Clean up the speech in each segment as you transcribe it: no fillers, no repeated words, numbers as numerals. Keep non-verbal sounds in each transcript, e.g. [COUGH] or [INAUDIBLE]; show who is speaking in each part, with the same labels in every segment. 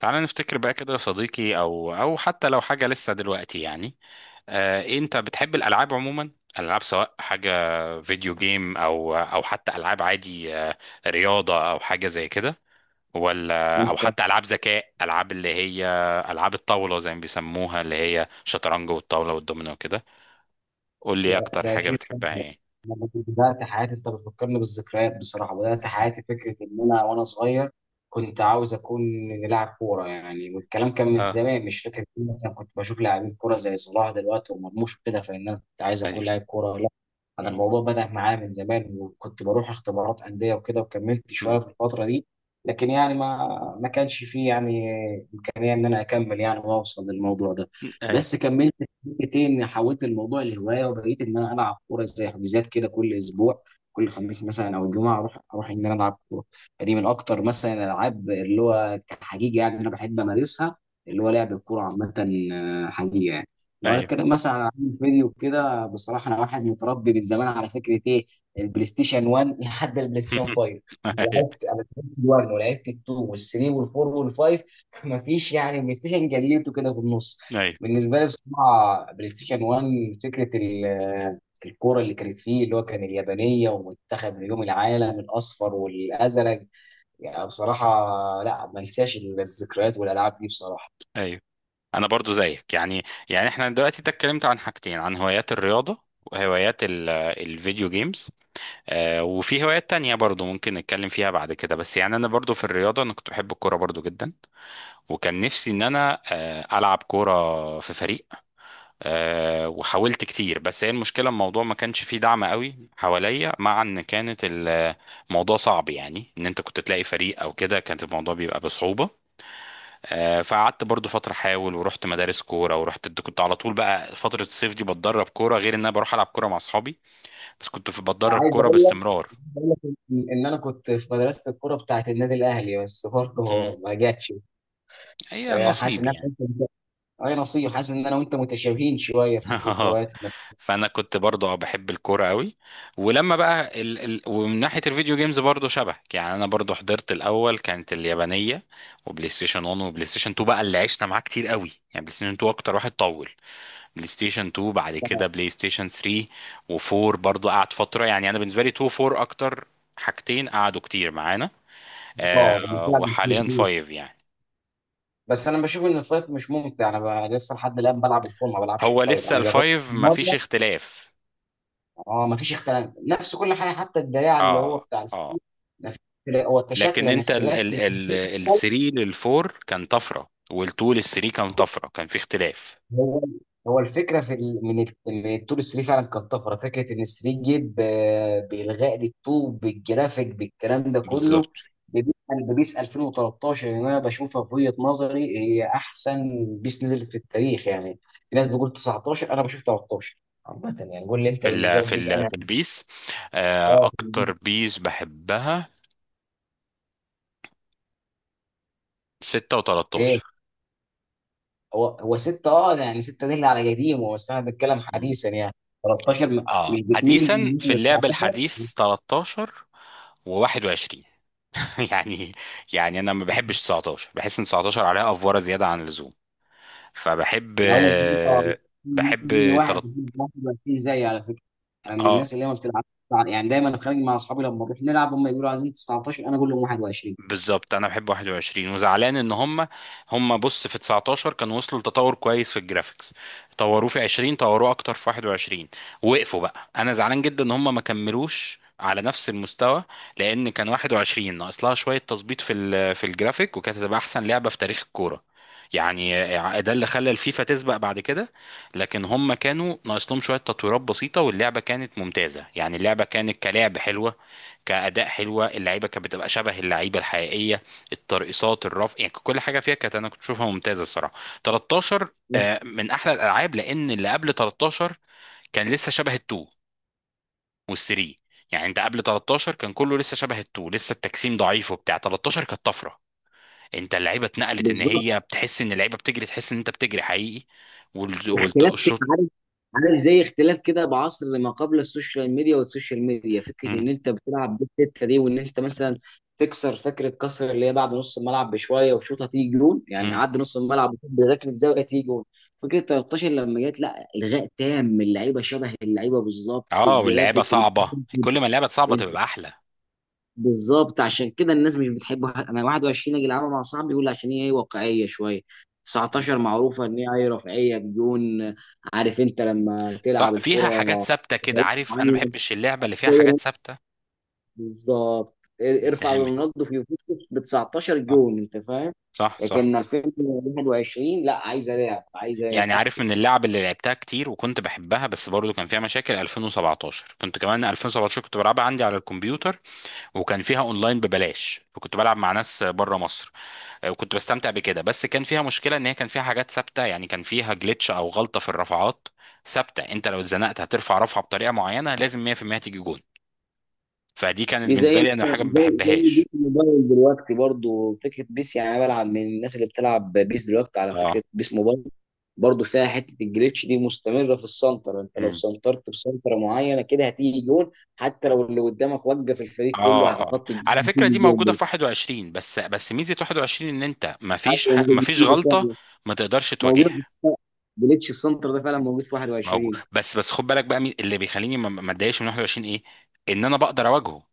Speaker 1: تعالى نفتكر بقى كده يا صديقي، او حتى لو حاجه لسه دلوقتي يعني. إيه، انت بتحب الالعاب عموما؟ الالعاب، سواء حاجه فيديو جيم او حتى العاب عادي، رياضه او حاجه زي كده، ولا
Speaker 2: انت.
Speaker 1: حتى العاب ذكاء، العاب اللي هي العاب الطاوله زي ما بيسموها، اللي هي شطرنج والطاوله والدومينو وكده. قول لي
Speaker 2: ده
Speaker 1: اكتر
Speaker 2: ده
Speaker 1: حاجه
Speaker 2: اكيد طبعاً.
Speaker 1: بتحبها يعني.
Speaker 2: انا برضو بدات حياتي، انت بتفكرني بالذكريات بصراحه. بدات حياتي فكره ان انا وانا صغير كنت عاوز اكون لاعب كوره يعني، والكلام كان من
Speaker 1: اه،
Speaker 2: زمان مش فاكر كتير. مثلا كنت بشوف لاعبين كوره زي صلاح دلوقتي ومرموش وكده، فان انا كنت عايز
Speaker 1: ايوه.
Speaker 2: اكون لاعب كوره. لا انا الموضوع بدا معايا من زمان، وكنت بروح اختبارات انديه وكده وكملت شويه
Speaker 1: مم.
Speaker 2: في الفتره دي. لكن يعني ما كانش فيه يعني امكانيه ان انا اكمل يعني واوصل للموضوع ده.
Speaker 1: ايوه،
Speaker 2: بس كملت فكرتي اني حولت الموضوع لهوايه وبقيت ان انا العب كوره زي حجوزات كده كل اسبوع. كل خميس مثلا او جمعه اروح ان انا العب كوره. فدي من اكتر مثلا الالعاب اللي هو كحقيقه يعني انا بحب امارسها، اللي هو لعب الكوره عامه. حقيقه يعني. لو انا
Speaker 1: ايوه.
Speaker 2: اتكلم مثلا عن العاب الفيديو كده، بصراحه انا واحد متربي من زمان على فكره ايه؟ البلاي ستيشن 1 لحد البلاي ستيشن 5.
Speaker 1: [LAUGHS]
Speaker 2: لعبت، انا لعبت 1 ولعبت 2 وال3 وال4 وال5. [LAUGHS] مفيش يعني بلاي ستيشن جليته كده في النص.
Speaker 1: ايوه،
Speaker 2: بالنسبه لي بصراحه بلاي ستيشن 1 فكره الكوره اللي كانت فيه، اللي هو كان اليابانيه ومنتخب نجوم العالم الاصفر والازرق. يعني بصراحه لا، ما انساش الذكريات والالعاب دي بصراحه.
Speaker 1: ايوه. انا برضو زيك يعني. يعني احنا دلوقتي ده اتكلمت عن حاجتين، عن هوايات الرياضة وهوايات الفيديو جيمز. وفي هوايات تانية برضو ممكن نتكلم فيها بعد كده، بس يعني انا برضو في الرياضة، انا كنت بحب الكورة برضو جدا. وكان نفسي ان انا العب كورة في فريق. وحاولت كتير، بس هي المشكلة الموضوع ما كانش فيه دعم قوي حواليا، مع ان كانت الموضوع صعب، يعني ان انت كنت تلاقي فريق او كده كانت الموضوع بيبقى بصعوبة. فقعدت برضو فترة احاول ورحت مدارس كورة، ورحت كنت على طول بقى فترة الصيف دي بتدرب كورة، غير ان انا بروح العب كورة مع اصحابي، بس كنت في بتدرب
Speaker 2: عايز
Speaker 1: كورة
Speaker 2: اقول لك
Speaker 1: باستمرار.
Speaker 2: عايز أقول لك ان انا كنت في مدرسه الكوره بتاعت النادي الاهلي، بس
Speaker 1: مم.
Speaker 2: برضه ما جاتش.
Speaker 1: هي
Speaker 2: فحاسس
Speaker 1: نصيب
Speaker 2: ان انا
Speaker 1: يعني.
Speaker 2: وانت اي نصيب، حاسس ان انا وانت متشابهين شويه في فكره
Speaker 1: [LAUGHS]
Speaker 2: هواياتنا.
Speaker 1: فانا كنت برضو، بحب الكوره قوي. ولما بقى ال... ال... ومن ناحيه الفيديو جيمز، برضو شبهك يعني، انا برضو حضرت الاول كانت اليابانيه، وبلاي ستيشن 1 وبلاي ستيشن 2 بقى اللي عشنا معاه كتير قوي يعني. بلاي ستيشن 2 اكتر واحد طول، بلاي ستيشن 2 بعد كده بلاي ستيشن 3 و4 برضو قعد فترة يعني. انا بالنسبة لي 2، 4 اكتر حاجتين قعدوا كتير معانا.
Speaker 2: اه
Speaker 1: آه.
Speaker 2: بالفعل.
Speaker 1: وحاليا 5 يعني.
Speaker 2: بس انا بشوف ان الفايت مش ممتع. انا لسه لحد الان بلعب الفول، ما بلعبش
Speaker 1: هو
Speaker 2: الفايت،
Speaker 1: لسه
Speaker 2: انا جربت
Speaker 1: الفايف مفيش
Speaker 2: مره.
Speaker 1: اختلاف.
Speaker 2: اه ما فيش اختلاف، نفس كل حاجه حتى الدراع اللي هو
Speaker 1: اه،
Speaker 2: بتاع
Speaker 1: اه.
Speaker 2: الفول. ما فيش اختلاف، هو كشكل
Speaker 1: لكن
Speaker 2: يعني
Speaker 1: انت ال
Speaker 2: اختلاف.
Speaker 1: ال ال ال 3 لل 4 كان طفرة، وال 2 لل 3 كان طفرة، كان في اختلاف.
Speaker 2: هو هو الفكره في من من التور 3 فعلا كانت طفره. فكره ان 3 جي بالغاء للطوب بالجرافيك بالكلام ده كله.
Speaker 1: بالظبط.
Speaker 2: بيسأل ببيس 2013 اللي انا بشوفها في وجهه نظري هي احسن بيس نزلت في التاريخ يعني. في ناس بتقول 19، انا بشوف 13. عامه يعني قول لي انت بالنسبه لك بيس. انا
Speaker 1: في البيس.
Speaker 2: اه
Speaker 1: اكتر بيس بحبها 6
Speaker 2: ايه.
Speaker 1: و13.
Speaker 2: هو 6، اه يعني 6 دي اللي على قديمه، بس انا بتكلم حديثا يعني 13
Speaker 1: اه،
Speaker 2: مش بتميل
Speaker 1: حديثا في
Speaker 2: لل
Speaker 1: اللعب
Speaker 2: 19.
Speaker 1: الحديث 13 و21. [LAUGHS] يعني، يعني انا ما بحبش 19، بحس ان 19 عليها افوره زياده عن اللزوم، فبحب
Speaker 2: من اول مره
Speaker 1: بحب
Speaker 2: يجي واحد
Speaker 1: تلت...
Speaker 2: يجيب 21 زيي على فكره. انا من
Speaker 1: اه
Speaker 2: الناس اللي هي ما بتلعب يعني، دايما انا خارج مع اصحابي لما بنروح نلعب هم يقولوا عايزين 19، انا اقول لهم 21.
Speaker 1: بالظبط، انا بحب 21 وزعلان ان هم بص، في 19 كانوا وصلوا لتطور كويس في الجرافيكس، طوروه في 20، طوروه اكتر في 21. وقفوا بقى، انا زعلان جدا ان هم ما كملوش على نفس المستوى، لان كان 21 ناقص لها شويه تظبيط في الجرافيك، وكانت هتبقى احسن لعبه في تاريخ الكوره يعني. ده اللي خلى الفيفا تسبق بعد كده. لكن هم كانوا ناقص لهم شويه تطويرات بسيطه، واللعبه كانت ممتازه يعني، اللعبه كانت كلعب حلوه، كأداء حلوة، اللعيبة كانت بتبقى شبه اللعيبة الحقيقية، الترقصات، الرف، يعني كل حاجة فيها كانت، أنا كنت بشوفها ممتازة الصراحة. 13، من أحلى الألعاب، لأن اللي قبل 13 كان لسه شبه التو والثري. يعني انت قبل 13 كان كله لسه شبه التو، لسه التجسيم ضعيف، وبتاع 13 كانت طفره. انت اللعيبه اتنقلت، ان
Speaker 2: بالظبط
Speaker 1: هي بتحس ان اللعيبه بتجري، تحس ان انت بتجري حقيقي.
Speaker 2: اختلاف كده،
Speaker 1: والشوط.
Speaker 2: عارف؟ عارف زي اختلاف كده بعصر ما قبل السوشيال ميديا والسوشيال ميديا. فكره
Speaker 1: مم.
Speaker 2: ان انت بتلعب بالتته دي، وان انت مثلا تكسر فكره كسر اللي هي بعد نص الملعب بشويه وشوطه تيجي جون يعني،
Speaker 1: مم.
Speaker 2: عدى نص الملعب بركله زاويه تيجي جون. فكره 13 لما جت لا الغاء تام، اللعيبه شبه اللعيبه بالظبط،
Speaker 1: اه، واللعيبه
Speaker 2: الجرافيك.
Speaker 1: صعبه، كل ما اللعبه صعبه تبقى احلى.
Speaker 2: بالظبط، عشان كده الناس مش بتحب انا 21 اجي العبها مع صاحبي يقول عشان هي ايه واقعيه شويه. 19 معروفه ان هي ايه رفاهيه بدون. عارف انت لما
Speaker 1: صح،
Speaker 2: تلعب الكره
Speaker 1: فيها حاجات ثابته كده،
Speaker 2: بطريقة
Speaker 1: عارف، انا ما
Speaker 2: معينة،
Speaker 1: بحبش اللعبه اللي فيها
Speaker 2: زي ما-
Speaker 1: حاجات ثابته
Speaker 2: بالظبط ارفع
Speaker 1: تتعمل.
Speaker 2: رونالدو في يوفنتوس ب 19
Speaker 1: صح،
Speaker 2: جون، انت فاهم؟
Speaker 1: صح، صح.
Speaker 2: لكن 2021 لا، عايزه لعب عايزه
Speaker 1: يعني عارف،
Speaker 2: تكتيك.
Speaker 1: من اللعب اللي لعبتها كتير وكنت بحبها بس برضو كان فيها مشاكل 2017. كنت كمان 2017 كنت بلعبها عندي على الكمبيوتر، وكان فيها اونلاين ببلاش، وكنت بلعب مع ناس بره مصر. وكنت بستمتع بكده، بس كان فيها مشكله ان هي كان فيها حاجات ثابته، يعني كان فيها جلitch او غلطه في الرفعات ثابته. انت لو اتزنقت هترفع رفعه بطريقه معينه لازم 100% تيجي جون. فدي كانت
Speaker 2: دي زي
Speaker 1: بالنسبه لي انا حاجه ما
Speaker 2: زي بيس
Speaker 1: بحبهاش.
Speaker 2: موبايل دلوقتي برضو. فكره بيس يعني انا بلعب من الناس اللي بتلعب بيس دلوقتي على فكره،
Speaker 1: اه،
Speaker 2: بيس موبايل برضو فيها حته الجليتش دي مستمره في السنتر. انت لو سنترت بسنتره معينه كده هتيجي جون، حتى لو اللي قدامك وقف الفريق كله
Speaker 1: اه،
Speaker 2: على
Speaker 1: اه.
Speaker 2: خط
Speaker 1: على
Speaker 2: الجون
Speaker 1: فكره
Speaker 2: هتيجي
Speaker 1: دي
Speaker 2: جون
Speaker 1: موجوده
Speaker 2: ده.
Speaker 1: في 21. بس بس ميزه 21 ان انت ما فيش
Speaker 2: ايوه
Speaker 1: ما فيش
Speaker 2: موجود
Speaker 1: غلطه
Speaker 2: فعلا.
Speaker 1: ما تقدرش تواجهها.
Speaker 2: موجود جليتش السنتر ده فعلا موجود في
Speaker 1: موجود.
Speaker 2: 21.
Speaker 1: بس بس خد بالك بقى، اللي بيخليني ما اتضايقش من 21 ايه، ان انا بقدر اواجهه.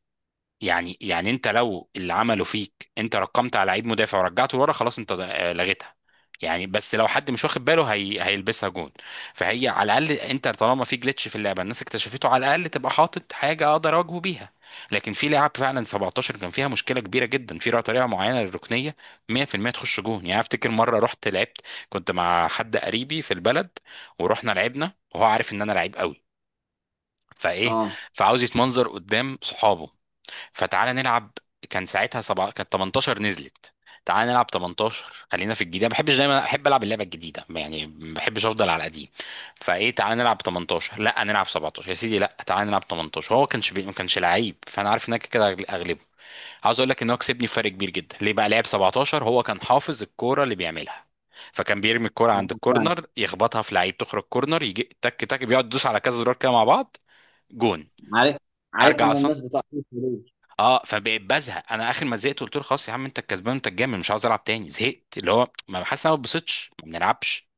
Speaker 1: يعني انت لو اللي عمله فيك، انت رقمت على لعيب مدافع ورجعته لورا خلاص انت، لغيتها يعني. بس لو حد مش واخد باله هيلبسها جون. فهي على الاقل انت، طالما في جلitch في اللعبه الناس اكتشفته، على الاقل تبقى حاطط حاجه اقدر اواجهه بيها. لكن في لعب فعلا، 17 كان فيها مشكله كبيره جدا في طريقه معينه للركنيه 100% تخش جون. يعني افتكر مره رحت لعبت، كنت مع حد قريبي في البلد، ورحنا لعبنا وهو عارف ان انا لعيب قوي، فايه،
Speaker 2: اه
Speaker 1: فعاوز يتمنظر قدام صحابه، فتعالى نلعب. كان ساعتها 7، كانت 18 نزلت. تعالى نلعب 18، خلينا في الجديد، ما بحبش دايما، احب العب اللعبه الجديده يعني، ما بحبش افضل على القديم. فايه، تعالى نلعب 18، لا نلعب 17 يا سيدي، لا تعالى نلعب 18. هو كانش ما كانش لعيب، فانا عارف انك كده اغلبه. عاوز اقول لك ان هو كسبني فرق كبير جدا، ليه بقى؟ لعب 17، هو كان حافظ الكوره اللي بيعملها. فكان بيرمي الكوره عند
Speaker 2: فعلا.
Speaker 1: الكورنر، يخبطها في لعيب، تخرج كورنر، يجي تك تك، بيقعد يدوس على كذا زرار كده مع بعض. جون.
Speaker 2: عارف،
Speaker 1: ارجع
Speaker 2: عارفهم
Speaker 1: اصلا.
Speaker 2: الناس بتوع.
Speaker 1: اه، فبقيت بزهق، انا اخر ما زهقت قلت له خلاص يا عم، انت الكسبان، انت الجامد، مش عاوز العب تاني، زهقت، اللي هو ما حاسس إن انا ما اتبسطتش، ما بنلعبش.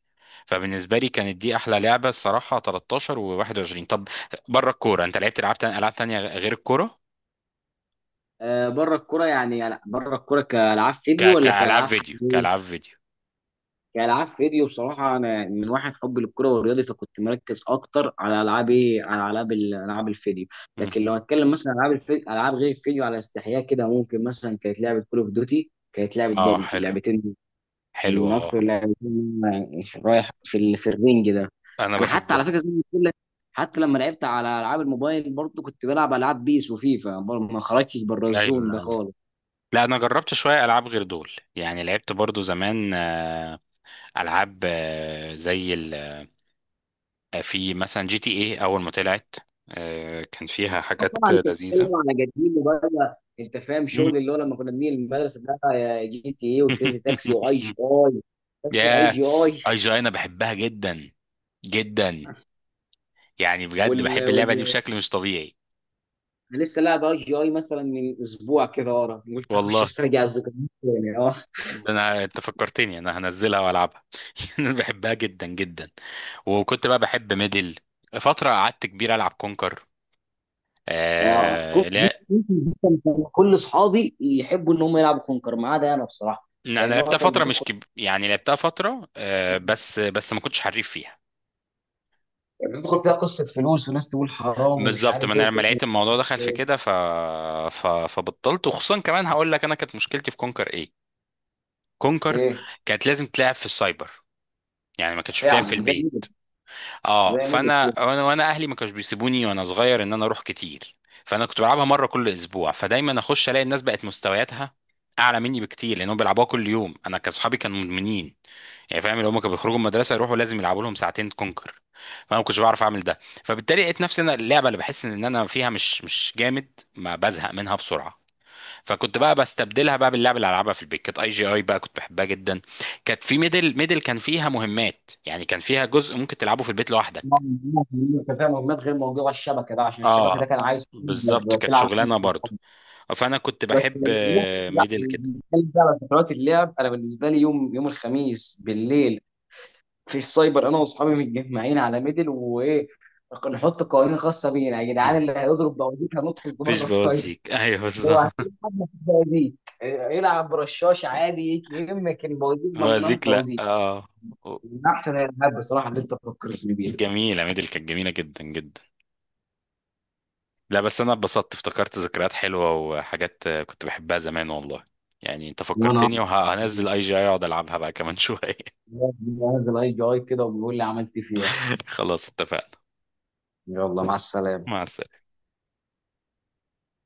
Speaker 1: فبالنسبه لي كانت دي احلى لعبه الصراحه، 13 و21. طب، بره الكوره، انت لعبت العاب تانية، العاب تانية غير الكوره؟
Speaker 2: بره الكوره يعني، يعني بره الكوره كالعاب فيديو ولا
Speaker 1: كالعاب
Speaker 2: كالعاب
Speaker 1: فيديو،
Speaker 2: حقيقيه؟
Speaker 1: كالعاب فيديو.
Speaker 2: كالعاب فيديو بصراحه، انا من واحد حبي للكره والرياضي فكنت مركز اكتر على العاب ايه، على العاب العاب الفيديو.
Speaker 1: مم.
Speaker 2: لكن لو اتكلم مثلا عن العاب الفيديو، العاب غير الفيديو على استحياء كده ممكن مثلا كانت لعبه كول اوف دوتي، كانت لعبه
Speaker 1: اه،
Speaker 2: بابجي،
Speaker 1: حلو،
Speaker 2: اللعبتين دول
Speaker 1: حلو،
Speaker 2: من
Speaker 1: اه.
Speaker 2: اكتر لعبتين أنا رايح في في الرينج ده.
Speaker 1: انا
Speaker 2: انا حتى على
Speaker 1: بحبهم.
Speaker 2: فكره زي ما بقول لك، حتى لما لعبت على العاب الموبايل برضه كنت بلعب العاب بيس وفيفا، برضه ما خرجتش بره الزون ده
Speaker 1: ايوه، ايوه.
Speaker 2: خالص.
Speaker 1: لا، انا جربت شويه العاب غير دول يعني، لعبت برضو زمان، العاب، زي، في مثلا جي تي ايه اول ما طلعت، كان فيها
Speaker 2: آه طبعا،
Speaker 1: حاجات
Speaker 2: انت
Speaker 1: لذيذة.
Speaker 2: بتتكلم على قديم وبقى انت فاهم
Speaker 1: مم.
Speaker 2: شغل، اللي هو لما كنا بنيجي المدرسه بقى يا جي تي اي وكريزي تاكسي واي
Speaker 1: [LAUGHS]
Speaker 2: جي اي. فاكر اي
Speaker 1: يا،
Speaker 2: جي اي؟
Speaker 1: اي جي انا بحبها جدا جدا. يعني بجد
Speaker 2: وال
Speaker 1: بحب اللعبة دي
Speaker 2: وال
Speaker 1: بشكل مش طبيعي.
Speaker 2: انا لسه لاعب اي جي اي مثلا من اسبوع كده ورا، قلت اخش
Speaker 1: والله،
Speaker 2: استرجع الذكريات يعني. اه
Speaker 1: ده انا، انت فكرتني، انا هنزلها والعبها. [LAUGHS] انا بحبها جدا جدا. وكنت بقى بحب ميدل، فترة قعدت كبير العب كونكر.
Speaker 2: آه، كنت
Speaker 1: آه، لا.
Speaker 2: كان كل اصحابي يحبوا ان هم يلعبوا كونكر ما عدا انا بصراحه.
Speaker 1: انا
Speaker 2: لان هو
Speaker 1: لعبتها
Speaker 2: كان
Speaker 1: فترة، مش يعني لعبتها فترة، بس بس ما كنتش حريف فيها.
Speaker 2: بتدخل فيها قصه فلوس وناس تقول حرام ومش
Speaker 1: بالظبط، ما
Speaker 2: عارف ايه
Speaker 1: انا لما
Speaker 2: وكده.
Speaker 1: لقيت الموضوع دخل في كده، فبطلت، وخصوصا كمان هقول لك انا كانت مشكلتي في كونكر ايه. كونكر
Speaker 2: ايه؟
Speaker 1: كانت لازم تلعب في السايبر، يعني ما كانتش بتلعب في
Speaker 2: فعلا زي ميدل.
Speaker 1: البيت. اه،
Speaker 2: زي ميدل،
Speaker 1: فانا وانا وانا اهلي ما كانوش بيسيبوني وانا صغير ان انا اروح كتير. فانا كنت بلعبها مره كل اسبوع، فدايما اخش الاقي الناس بقت مستوياتها اعلى مني بكتير لانهم بيلعبوها كل يوم. انا كاصحابي كانوا مدمنين يعني، فاهم، اللي هم كانوا بيخرجوا من المدرسه يروحوا لازم يلعبوا لهم ساعتين كونكر. فانا ما كنتش بعرف اعمل ده، فبالتالي لقيت نفسي انا، اللعبه اللي بحس ان انا فيها مش جامد، ما بزهق منها بسرعه. فكنت بقى بستبدلها بقى باللعبه اللي العبها في البيت، كانت اي جي اي بقى، كنت بحبها جدا. كانت في ميدل. ميدل كان فيها مهمات، يعني كان فيها جزء ممكن تلعبه في البيت لوحدك.
Speaker 2: انت فاهم مهمات غير موجوده على الشبكه ده، عشان الشبكه ده
Speaker 1: اه،
Speaker 2: كان عايز
Speaker 1: بالظبط،
Speaker 2: تقدر
Speaker 1: كانت
Speaker 2: تلعب
Speaker 1: شغلانه برضو. فانا كنت
Speaker 2: بس.
Speaker 1: بحب،
Speaker 2: لا
Speaker 1: ميدل كده.
Speaker 2: بنتكلم بقى على فترات اللعب، انا بالنسبه لي يوم يوم الخميس بالليل في السايبر، انا واصحابي متجمعين على ميدل. وايه، نحط قوانين خاصه بينا، يا جدعان اللي
Speaker 1: [LAUGHS]
Speaker 2: هيضرب بوازيك هنطرد
Speaker 1: مفيش
Speaker 2: بره السايبر.
Speaker 1: بوازيك. ايوه،
Speaker 2: هو
Speaker 1: بالظبط.
Speaker 2: عشان حد في البوازيك، يلعب برشاش عادي يجي يمك البوازيك،
Speaker 1: [LAUGHS]
Speaker 2: ممنوع
Speaker 1: بوازيك، لا،
Speaker 2: البوازيك.
Speaker 1: اه.
Speaker 2: من احسن الالعاب بصراحه اللي انت فكرتني بيها.
Speaker 1: جميله. ميدل كانت جميله جدا جدا. لا بس انا اتبسطت، افتكرت ذكريات حلوه وحاجات، كنت بحبها زمان والله. يعني انت
Speaker 2: وانا
Speaker 1: فكرتني، وهنزل اي جي اي اقعد العبها بقى كمان شويه.
Speaker 2: منزل اي جي اي كده وبيقول لي عملت إيه فيها.
Speaker 1: [LAUGHS] خلاص، اتفقنا.
Speaker 2: يلا مع السلامة.
Speaker 1: مع السلامه.